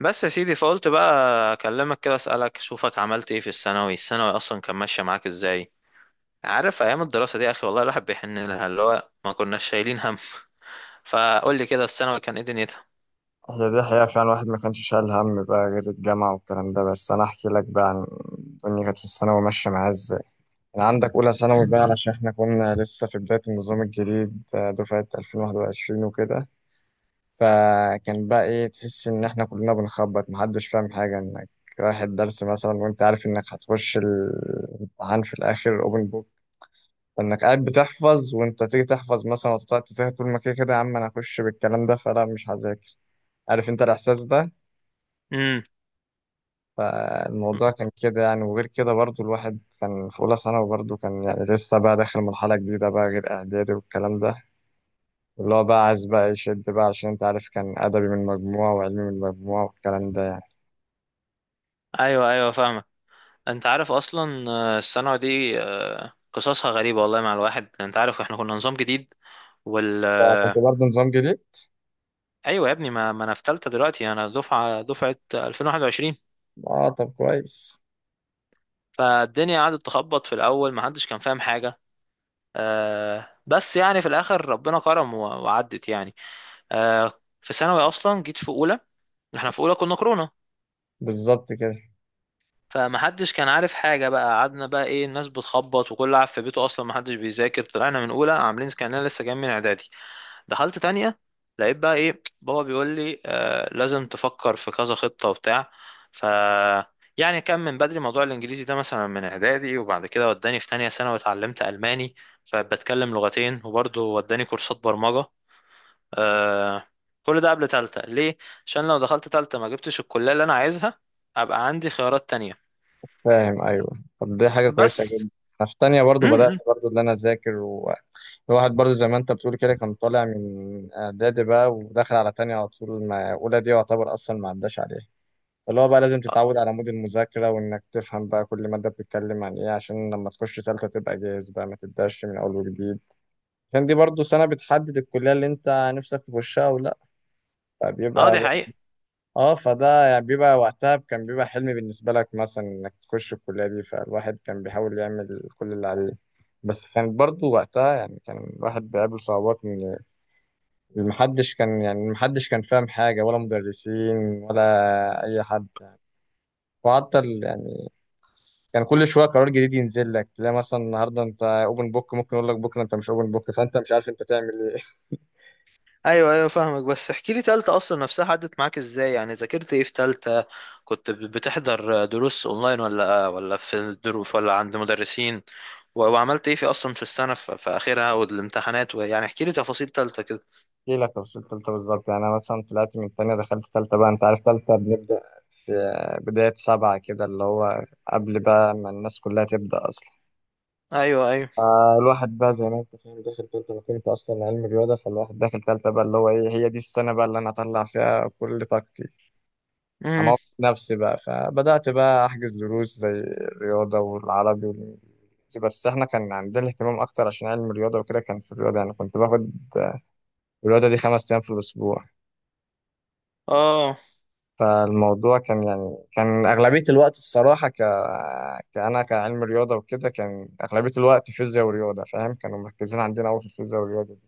بس يا سيدي فقلت بقى اكلمك كده اسالك اشوفك عملت ايه في الثانوي اصلا كان ماشيه معاك ازاي؟ عارف ايام الدراسه دي يا اخي، والله الواحد بيحن لها، اللي هو ما كناش شايلين هم. فقول لي كده الثانوي كان ايه دنيتها. هي دي حقيقة فعلا الواحد ما كانش شايل هم بقى غير الجامعة والكلام ده. بس أنا أحكي لك بقى عن الدنيا كانت في الثانوي ماشية معايا إزاي. أنا عندك أولى ثانوي بقى علشان إحنا كنا لسه في بداية النظام الجديد، دفعة 2021 وكده. فكان بقى إيه، تحس إن إحنا كلنا بنخبط، محدش فاهم حاجة، إنك رايح الدرس مثلا وأنت عارف إنك هتخش الامتحان في الآخر أوبن بوك، فإنك قاعد بتحفظ وأنت تيجي تحفظ مثلا وتقعد تذاكر، طول ما كده كده يا عم أنا هخش بالكلام ده فلا مش هذاكر. عارف أنت الإحساس ده؟ امم. الموضوع كان كده يعني. وغير كده برضو الواحد كان في أولى ثانوي، برضو كان يعني لسه بقى داخل مرحلة جديدة بقى غير إعدادي والكلام ده، اللي هو بقى عايز بقى يشد بقى عشان أنت عارف كان أدبي من مجموعة وعلمي من مجموعة والكلام ده. ايوه ايوه فاهمك. انت عارف اصلا الثانوي دي قصصها غريبه والله مع الواحد، انت عارف احنا كنا نظام جديد وال يعني كنت آه، برضو نظام جديد؟ ايوه يا ابني، ما انا في ثالثه دلوقتي، انا دفعه 2021. آه طب كويس. فالدنيا قعدت تخبط في الاول، ما حدش كان فاهم حاجه. آه بس يعني في الاخر ربنا كرم وعدت يعني. آه. في ثانوي اصلا جيت في اولى، احنا في اولى كنا كورونا، بالظبط كده. فمحدش كان عارف حاجة بقى، قعدنا بقى ايه الناس بتخبط، وكل قاعد في بيته اصلا محدش بيذاكر. طلعنا من اولى عاملين كأننا لسه جايين من اعدادي. دخلت تانية لقيت بقى ايه، بابا بيقول لي لازم تفكر في كذا خطة وبتاع. ف يعني كان من بدري موضوع الانجليزي ده مثلا من اعدادي، وبعد كده وداني في تانية سنة واتعلمت الماني، فبتكلم لغتين، وبرضه وداني كورسات برمجة. آه. كل ده قبل تالتة ليه؟ عشان لو دخلت تالتة ما جبتش الكلية اللي انا عايزها، ابقى عندي خيارات تانية. فاهم. أيوه، طب دي حاجة كويسة بس. جدا. أنا في تانية برضو بدأت امم. برضو إن أنا أذاكر، والواحد برضو زي ما أنت بتقول كده كان طالع من إعدادي بقى وداخل على تانية على طول، ما أولى دي يعتبر أصلا ما عداش عليها، اللي هو بقى لازم اه. تتعود على مود المذاكرة وإنك تفهم بقى كل مادة بتتكلم عن إيه عشان لما تخش تالتة تبقى جاهز بقى، ما تبدأش من أول وجديد، عشان دي برضو سنة بتحدد الكلية اللي أنت نفسك تخشها أو لأ. آه، فبيبقى دي بقى حقيقة. آه، فده يعني بيبقى، وقتها كان بيبقى حلم بالنسبة لك مثلا إنك تخش الكلية دي، فالواحد كان بيحاول يعمل كل اللي عليه. بس كان برضو وقتها يعني كان الواحد بيقابل صعوبات، إن محدش كان، يعني محدش كان فاهم حاجة، ولا مدرسين ولا أي حد يعني. وحتى ال- يعني كان كل شويه قرار جديد ينزل لك، تلاقي مثلا النهارده انت اوبن بوك، ممكن يقول لك بكره انت مش اوبن بوك، فانت مش عارف انت تعمل ايه. ايوه ايوه فاهمك. بس احكي لي تالتة اصلا نفسها عدت معاك ازاي؟ يعني ذاكرت ايه في تالتة؟ كنت بتحضر دروس اونلاين ولا ولا في الدروس ولا عند مدرسين؟ وعملت ايه في اصلا في السنة في اخرها والامتحانات؟ ويعني احكي لي تفاصيل تالتة كده. احكي لك تفاصيل ثالثه بالظبط. يعني انا مثلا طلعت من الثانيه دخلت ثالثه بقى، انت عارف ثالثه بنبدا في بدايه 7 كده، اللي هو قبل بقى ما الناس كلها تبدا اصلا. ايوه ايوه. فالواحد بقى زي ما انت فاهم داخل ثالثه، انا كنت اصلا علم رياضه، فالواحد داخل ثالثه بقى اللي هو ايه، هي دي السنه بقى اللي انا هطلع فيها كل طاقتي، امم. عملت نفسي بقى. فبدأت بقى أحجز دروس زي الرياضة والعربي والإنجليزي، بس إحنا كان عندنا اهتمام أكتر عشان علم الرياضة وكده، كان في الرياضة يعني كنت باخد الرياضة دي 5 أيام في الأسبوع. اه. فالموضوع كان، يعني كان أغلبية الوقت الصراحة كأنا كعلم رياضة وكده، كان أغلبية الوقت فيزياء ورياضة، فاهم، كانوا مركزين عندنا أوي في الفيزياء والرياضة.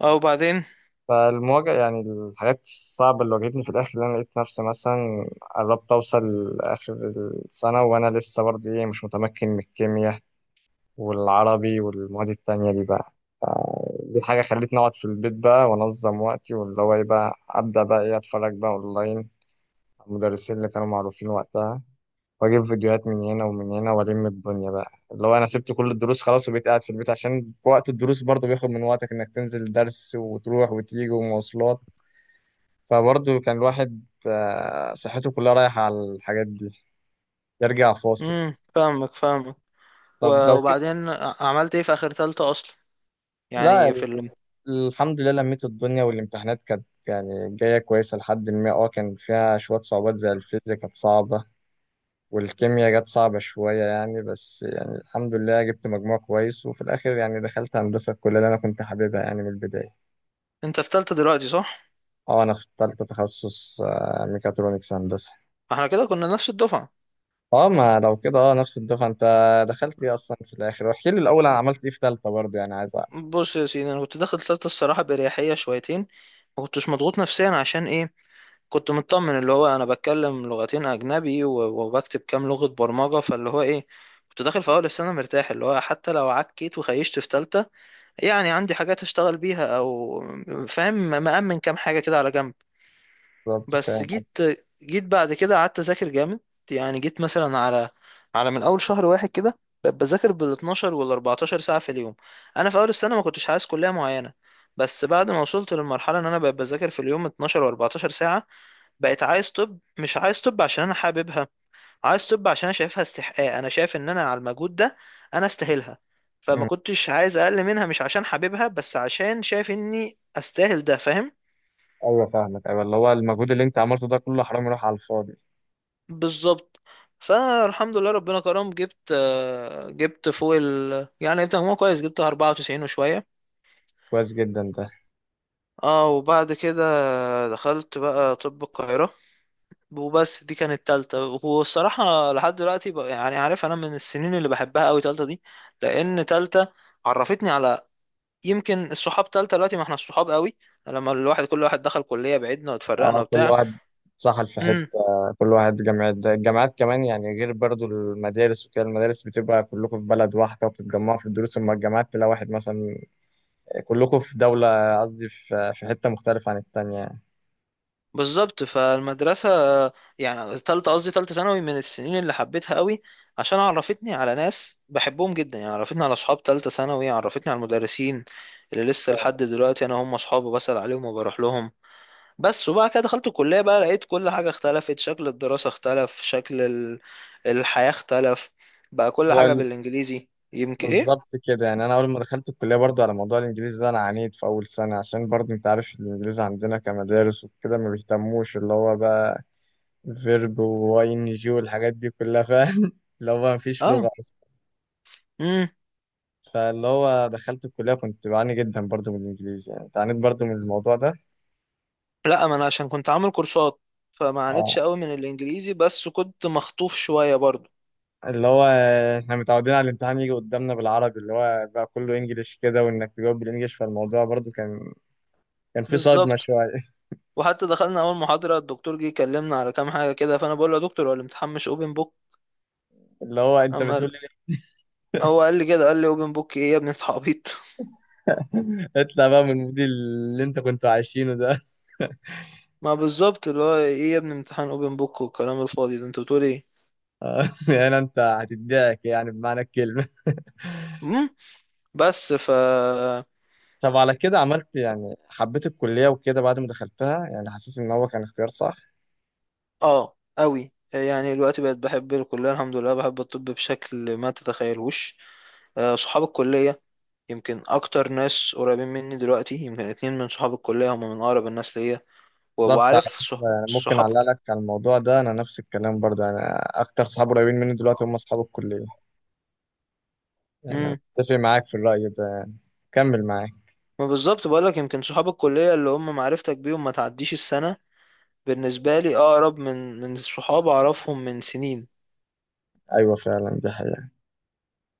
اه وبعدين؟ فالمواجهة يعني الحاجات الصعبة اللي واجهتني في الآخر، اللي أنا لقيت نفسي مثلا قربت أوصل لآخر السنة وأنا لسه برضه إيه، مش متمكن من الكيمياء والعربي والمواد التانية دي بقى. دي حاجة خلتني أقعد في البيت بقى وأنظم وقتي، واللي هو إيه بقى، أبدأ بقى إيه، أتفرج بقى أونلاين على المدرسين اللي كانوا معروفين وقتها، وأجيب فيديوهات من هنا ومن هنا وألم الدنيا بقى، اللي هو أنا سبت كل الدروس خلاص وبقيت قاعد في البيت، عشان وقت الدروس برضه بياخد من وقتك إنك تنزل درس وتروح وتيجي ومواصلات. فبرضه كان الواحد صحته كلها رايحة على الحاجات دي، يرجع فاصل. فاهمك فاهمك. طب لو كده. وبعدين عملت ايه في اخر تالتة اصلا؟ لا يعني في ال- ال... الحمد لله لميت الدنيا، والامتحانات كانت يعني جاية كويسة لحد ما، اه كان فيها شوية صعوبات زي الفيزياء كانت صعبة، والكيمياء جت صعبة شوية يعني، بس يعني الحمد لله جبت مجموع كويس، وفي الآخر يعني دخلت هندسة، الكلية اللي أنا كنت حاببها يعني من البداية. انت في تالتة دلوقتي صح؟ اه أنا اخترت تخصص ميكاترونكس هندسة. احنا كده كنا نفس الدفعة. اه ما لو كده، اه نفس الدفعه. انت دخلت ايه اصلا في الاخر؟ واحكي لي الاول انا عملت ايه في ثالثه برضه يعني عايز اعرف. بص يا سيدي، انا كنت داخل الثالثه الصراحه باريحيه شويتين، ما كنتش مضغوط نفسيا. عشان ايه؟ كنت مطمن، اللي هو انا بتكلم لغتين اجنبي وبكتب كام لغه برمجه، فاللي هو ايه، كنت داخل في اول السنه مرتاح، اللي هو حتى لو عكيت وخيشت في ثالثه يعني عندي حاجات اشتغل بيها او، فاهم، مأمن كام حاجه كده على جنب. بالظبط بس فاهم. جيت جيت بعد كده قعدت اذاكر جامد. يعني جيت مثلا على من اول شهر واحد كده بقيت بذاكر بال 12 وال 14 ساعه في اليوم. انا في اول السنه ما كنتش عايز كليه معينه، بس بعد ما وصلت للمرحله ان انا بقيت بذاكر في اليوم 12 و14 ساعه، بقيت عايز طب. مش عايز طب عشان انا حاببها، عايز طب عشان انا شايفها استحقاق، انا شايف ان انا على المجهود ده انا استاهلها، فما أمم، كنتش عايز اقل منها. مش عشان حاببها بس، عشان شايف اني استاهل ده، فاهم. ايوه فاهمك. ايوه، اللي هو المجهود اللي انت عملته ده كله حرام يروح على الفاضي. بالظبط. فالحمد لله ربنا كرم، جبت جبت فوق ال يعني جبت مجموع كويس، جبت 94 وشوية. كويس جدا ده. اه وبعد كده دخلت بقى طب القاهرة. وبس دي كانت تالتة. والصراحة لحد دلوقتي بقى يعني عارف، أنا من السنين اللي بحبها أوي تالتة دي. لأن تالتة عرفتني على يمكن الصحاب. تالتة دلوقتي ما احنا الصحاب قوي، لما الواحد كل واحد دخل كلية بعيدنا واتفرقنا اه، كل وبتاع. واحد سحل في حته، كل واحد جامعات، ده الجامعات كمان يعني، غير برضه المدارس وكده، المدارس بتبقى كلكم في بلد واحده وبتتجمعوا في الدروس، اما الجامعات تلاقي واحد مثلا كلكم في دوله، قصدي في حته مختلفه عن التانيه يعني. بالظبط. فالمدرسة يعني تالتة، قصدي تالتة ثانوي، من السنين اللي حبيتها قوي عشان عرفتني على ناس بحبهم جدا. يعني عرفتني على أصحاب تالتة ثانوي، عرفتني على المدرسين اللي لسه لحد دلوقتي أنا هم أصحابي، بسأل عليهم وبروح لهم. بس وبعد كده دخلت الكلية بقى، لقيت كل حاجة اختلفت. شكل الدراسة اختلف، شكل الحياة اختلف، بقى كل حاجة بالإنجليزي، يمكن إيه؟ بالظبط كده. يعني انا اول ما دخلت الكليه، برضو على موضوع الانجليزي ده انا عانيت في اول سنه، عشان برضو انت عارف الانجليزي عندنا كمدارس وكده ما بيهتموش، اللي هو بقى فيرب واي ان جي والحاجات دي كلها فاهم، اللي هو ما فيش لغه آه. اصلا. مم. فاللي هو دخلت الكليه كنت بعاني جدا برضو من الانجليزي، يعني عانيت برضو من الموضوع ده. لا، ما أنا عشان كنت عامل كورسات فما اه، عانيتش قوي من الإنجليزي، بس كنت مخطوف شوية برضو. اللي هو احنا متعودين على الامتحان يجي قدامنا بالعربي، اللي هو بقى كله انجليش كده، وانك تجاوب بالانجليش، فالموضوع برضو كان، كان في صدمه بالظبط. شويه. وحتى دخلنا اول محاضره، الدكتور جه يكلمنا على كام حاجه كده، فانا بقول له يا دكتور هو الامتحان مش اوبن بوك؟ اللي هو انت اما بتقول. قال- هو قال لي كده، قال لي اوبن بوك ايه يا ابني، انت عبيط. اطلع بقى من الموديل اللي انت كنت عايشينه ده. ما بالظبط، اللي هو ايه يا ابني امتحان اوبن بوك والكلام الفاضي ده، انت بتقول ايه. يعني انت هتدعك يعني بمعنى الكلمة. امم. بس. طب على كده عملت، يعني حبيت الكلية وكده بعد ما دخلتها؟ يعني حسيت ان هو كان اختيار صح. اه قوي، يعني دلوقتي بقت بحب الكليه، الحمد لله بحب الطب بشكل ما تتخيلوش. آه، صحاب الكليه يمكن اكتر ناس قريبين مني دلوقتي. يمكن اتنين من صحاب الكليه هم من اقرب الناس ليا، بالظبط. على وعارف فكرة يعني ممكن صحاب. اعلق لك على الموضوع ده، انا نفس الكلام برضه يعني، اكتر صحاب قريبين مني دلوقتي هم اصحاب الكلية. يعني أنا مم. اتفق معاك في الرأي ده يعني، كمل معاك. ما بالظبط بقولك، يمكن صحاب الكلية اللي هم معرفتك بيهم ما تعديش السنة، بالنسبة لي أقرب من صحاب أعرفهم من سنين. ايوه فعلا دي حقيقة.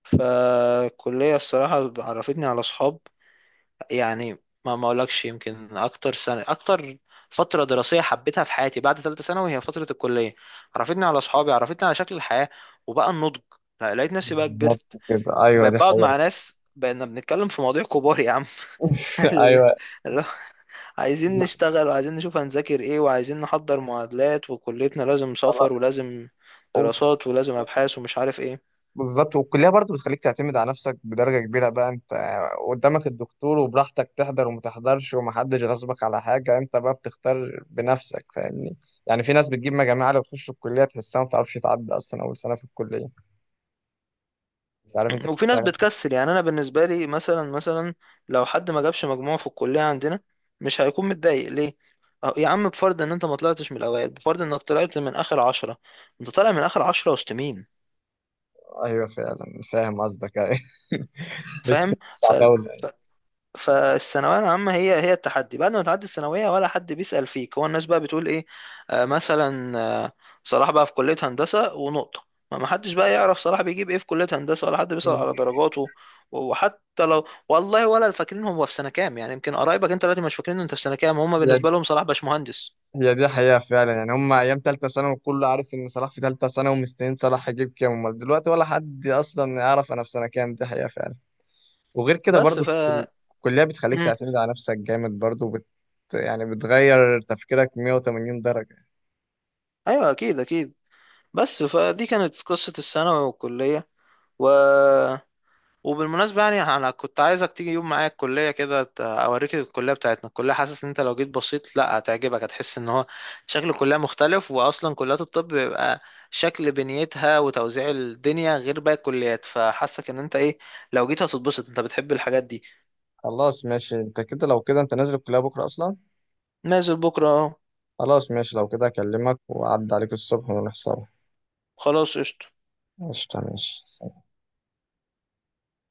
فالكلية الصراحة عرفتني على صحاب، يعني ما أقولكش يمكن أكتر سنة، أكتر فترة دراسية حبيتها في حياتي بعد ثالثة ثانوي هي فترة الكلية. عرفتني على صحابي، عرفتني على شكل الحياة، وبقى النضج، لا، لقيت نفسي بقى بالظبط كبرت. كده. ايوه بقيت دي بقعد حقيقة. مع ناس بقينا بنتكلم في مواضيع كبار يا عم. ايوه. اللي عايزين لا، نشتغل، وعايزين نشوف هنذاكر ايه، وعايزين نحضر معادلات، وكليتنا لازم خلاص. سفر، ولازم دراسات، ولازم ابحاث، ومش عارف ايه. بالظبط. والكلية برضو بتخليك تعتمد على نفسك بدرجة كبيرة بقى، انت قدامك الدكتور وبراحتك تحضر وما تحضرش، ومحدش غصبك على حاجة، انت بقى بتختار بنفسك، فاهمني يعني؟ في ناس بتجيب مجاميع عالية وتخش الكلية تحسها ما بتعرفش تعدي أصلا أول سنة في الكلية، مش عارف انت شفت وفي ناس حاجة؟ بتكسل، يعني انا بالنسبه لي مثلا لو حد ما جابش مجموع في الكليه عندنا مش هيكون متضايق، ليه؟ أه، يا عم بفرض ان انت ما طلعتش من الاوائل، بفرض انك طلعت من اخر عشرة، انت طالع من اخر عشرة وسط مين، أيوه فعلا فاهم قصدك، أيوه. بس فاهم؟ صعب أوي يعني. فالثانويه العامه هي هي التحدي، بعد ما تعدي الثانويه ولا حد بيسال فيك. هو الناس بقى بتقول ايه، آه مثلا، آه، صلاح بقى في كليه هندسه ونقطه، ما ما حدش بقى يعرف صلاح بيجيب ايه في كليه هندسه، ولا حد بيسال على درجاته. وحتى لو، والله ولا فاكرين هو في سنه كام، يعني يمكن قرايبك انت دلوقتي مش فاكرين انت في سنه كام، هم هي بالنسبه لهم صلاح باشمهندس. هي دي حقيقة فعلا. يعني هم أيام تالتة ثانوي كله عارف إن صلاح في تالتة ثانوي ومستنيين صلاح يجيب كام، أمال دلوقتي ولا حد أصلا يعرف أنا في سنة كام، دي حقيقة فعلا. وغير كده بس برضو ف الكلية بتخليك مم. تعتمد على نفسك جامد برضو، يعني بتغير تفكيرك 180 درجة. ايوه اكيد اكيد. بس فدي كانت قصه الثانوي والكليه. و وبالمناسبة يعني أنا كنت عايزك تيجي يوم معايا الكلية كده، أوريك الكلية بتاعتنا. الكلية حاسس إن أنت لو جيت بسيط، لأ هتعجبك، هتحس إن هو شكل الكلية مختلف، وأصلا كليات الطب بيبقى شكل بنيتها وتوزيع الدنيا غير باقي الكليات، فحاسك إن أنت إيه لو جيت هتتبسط، أنت بتحب الحاجات دي. خلاص ماشي. انت كده لو كده انت نازل الكلية بكرة اصلا؟ نازل بكرة أهو. خلاص ماشي، لو كده اكلمك واعد عليك الصبح ونحصل. خلاص قشطة. ماشي ماشي.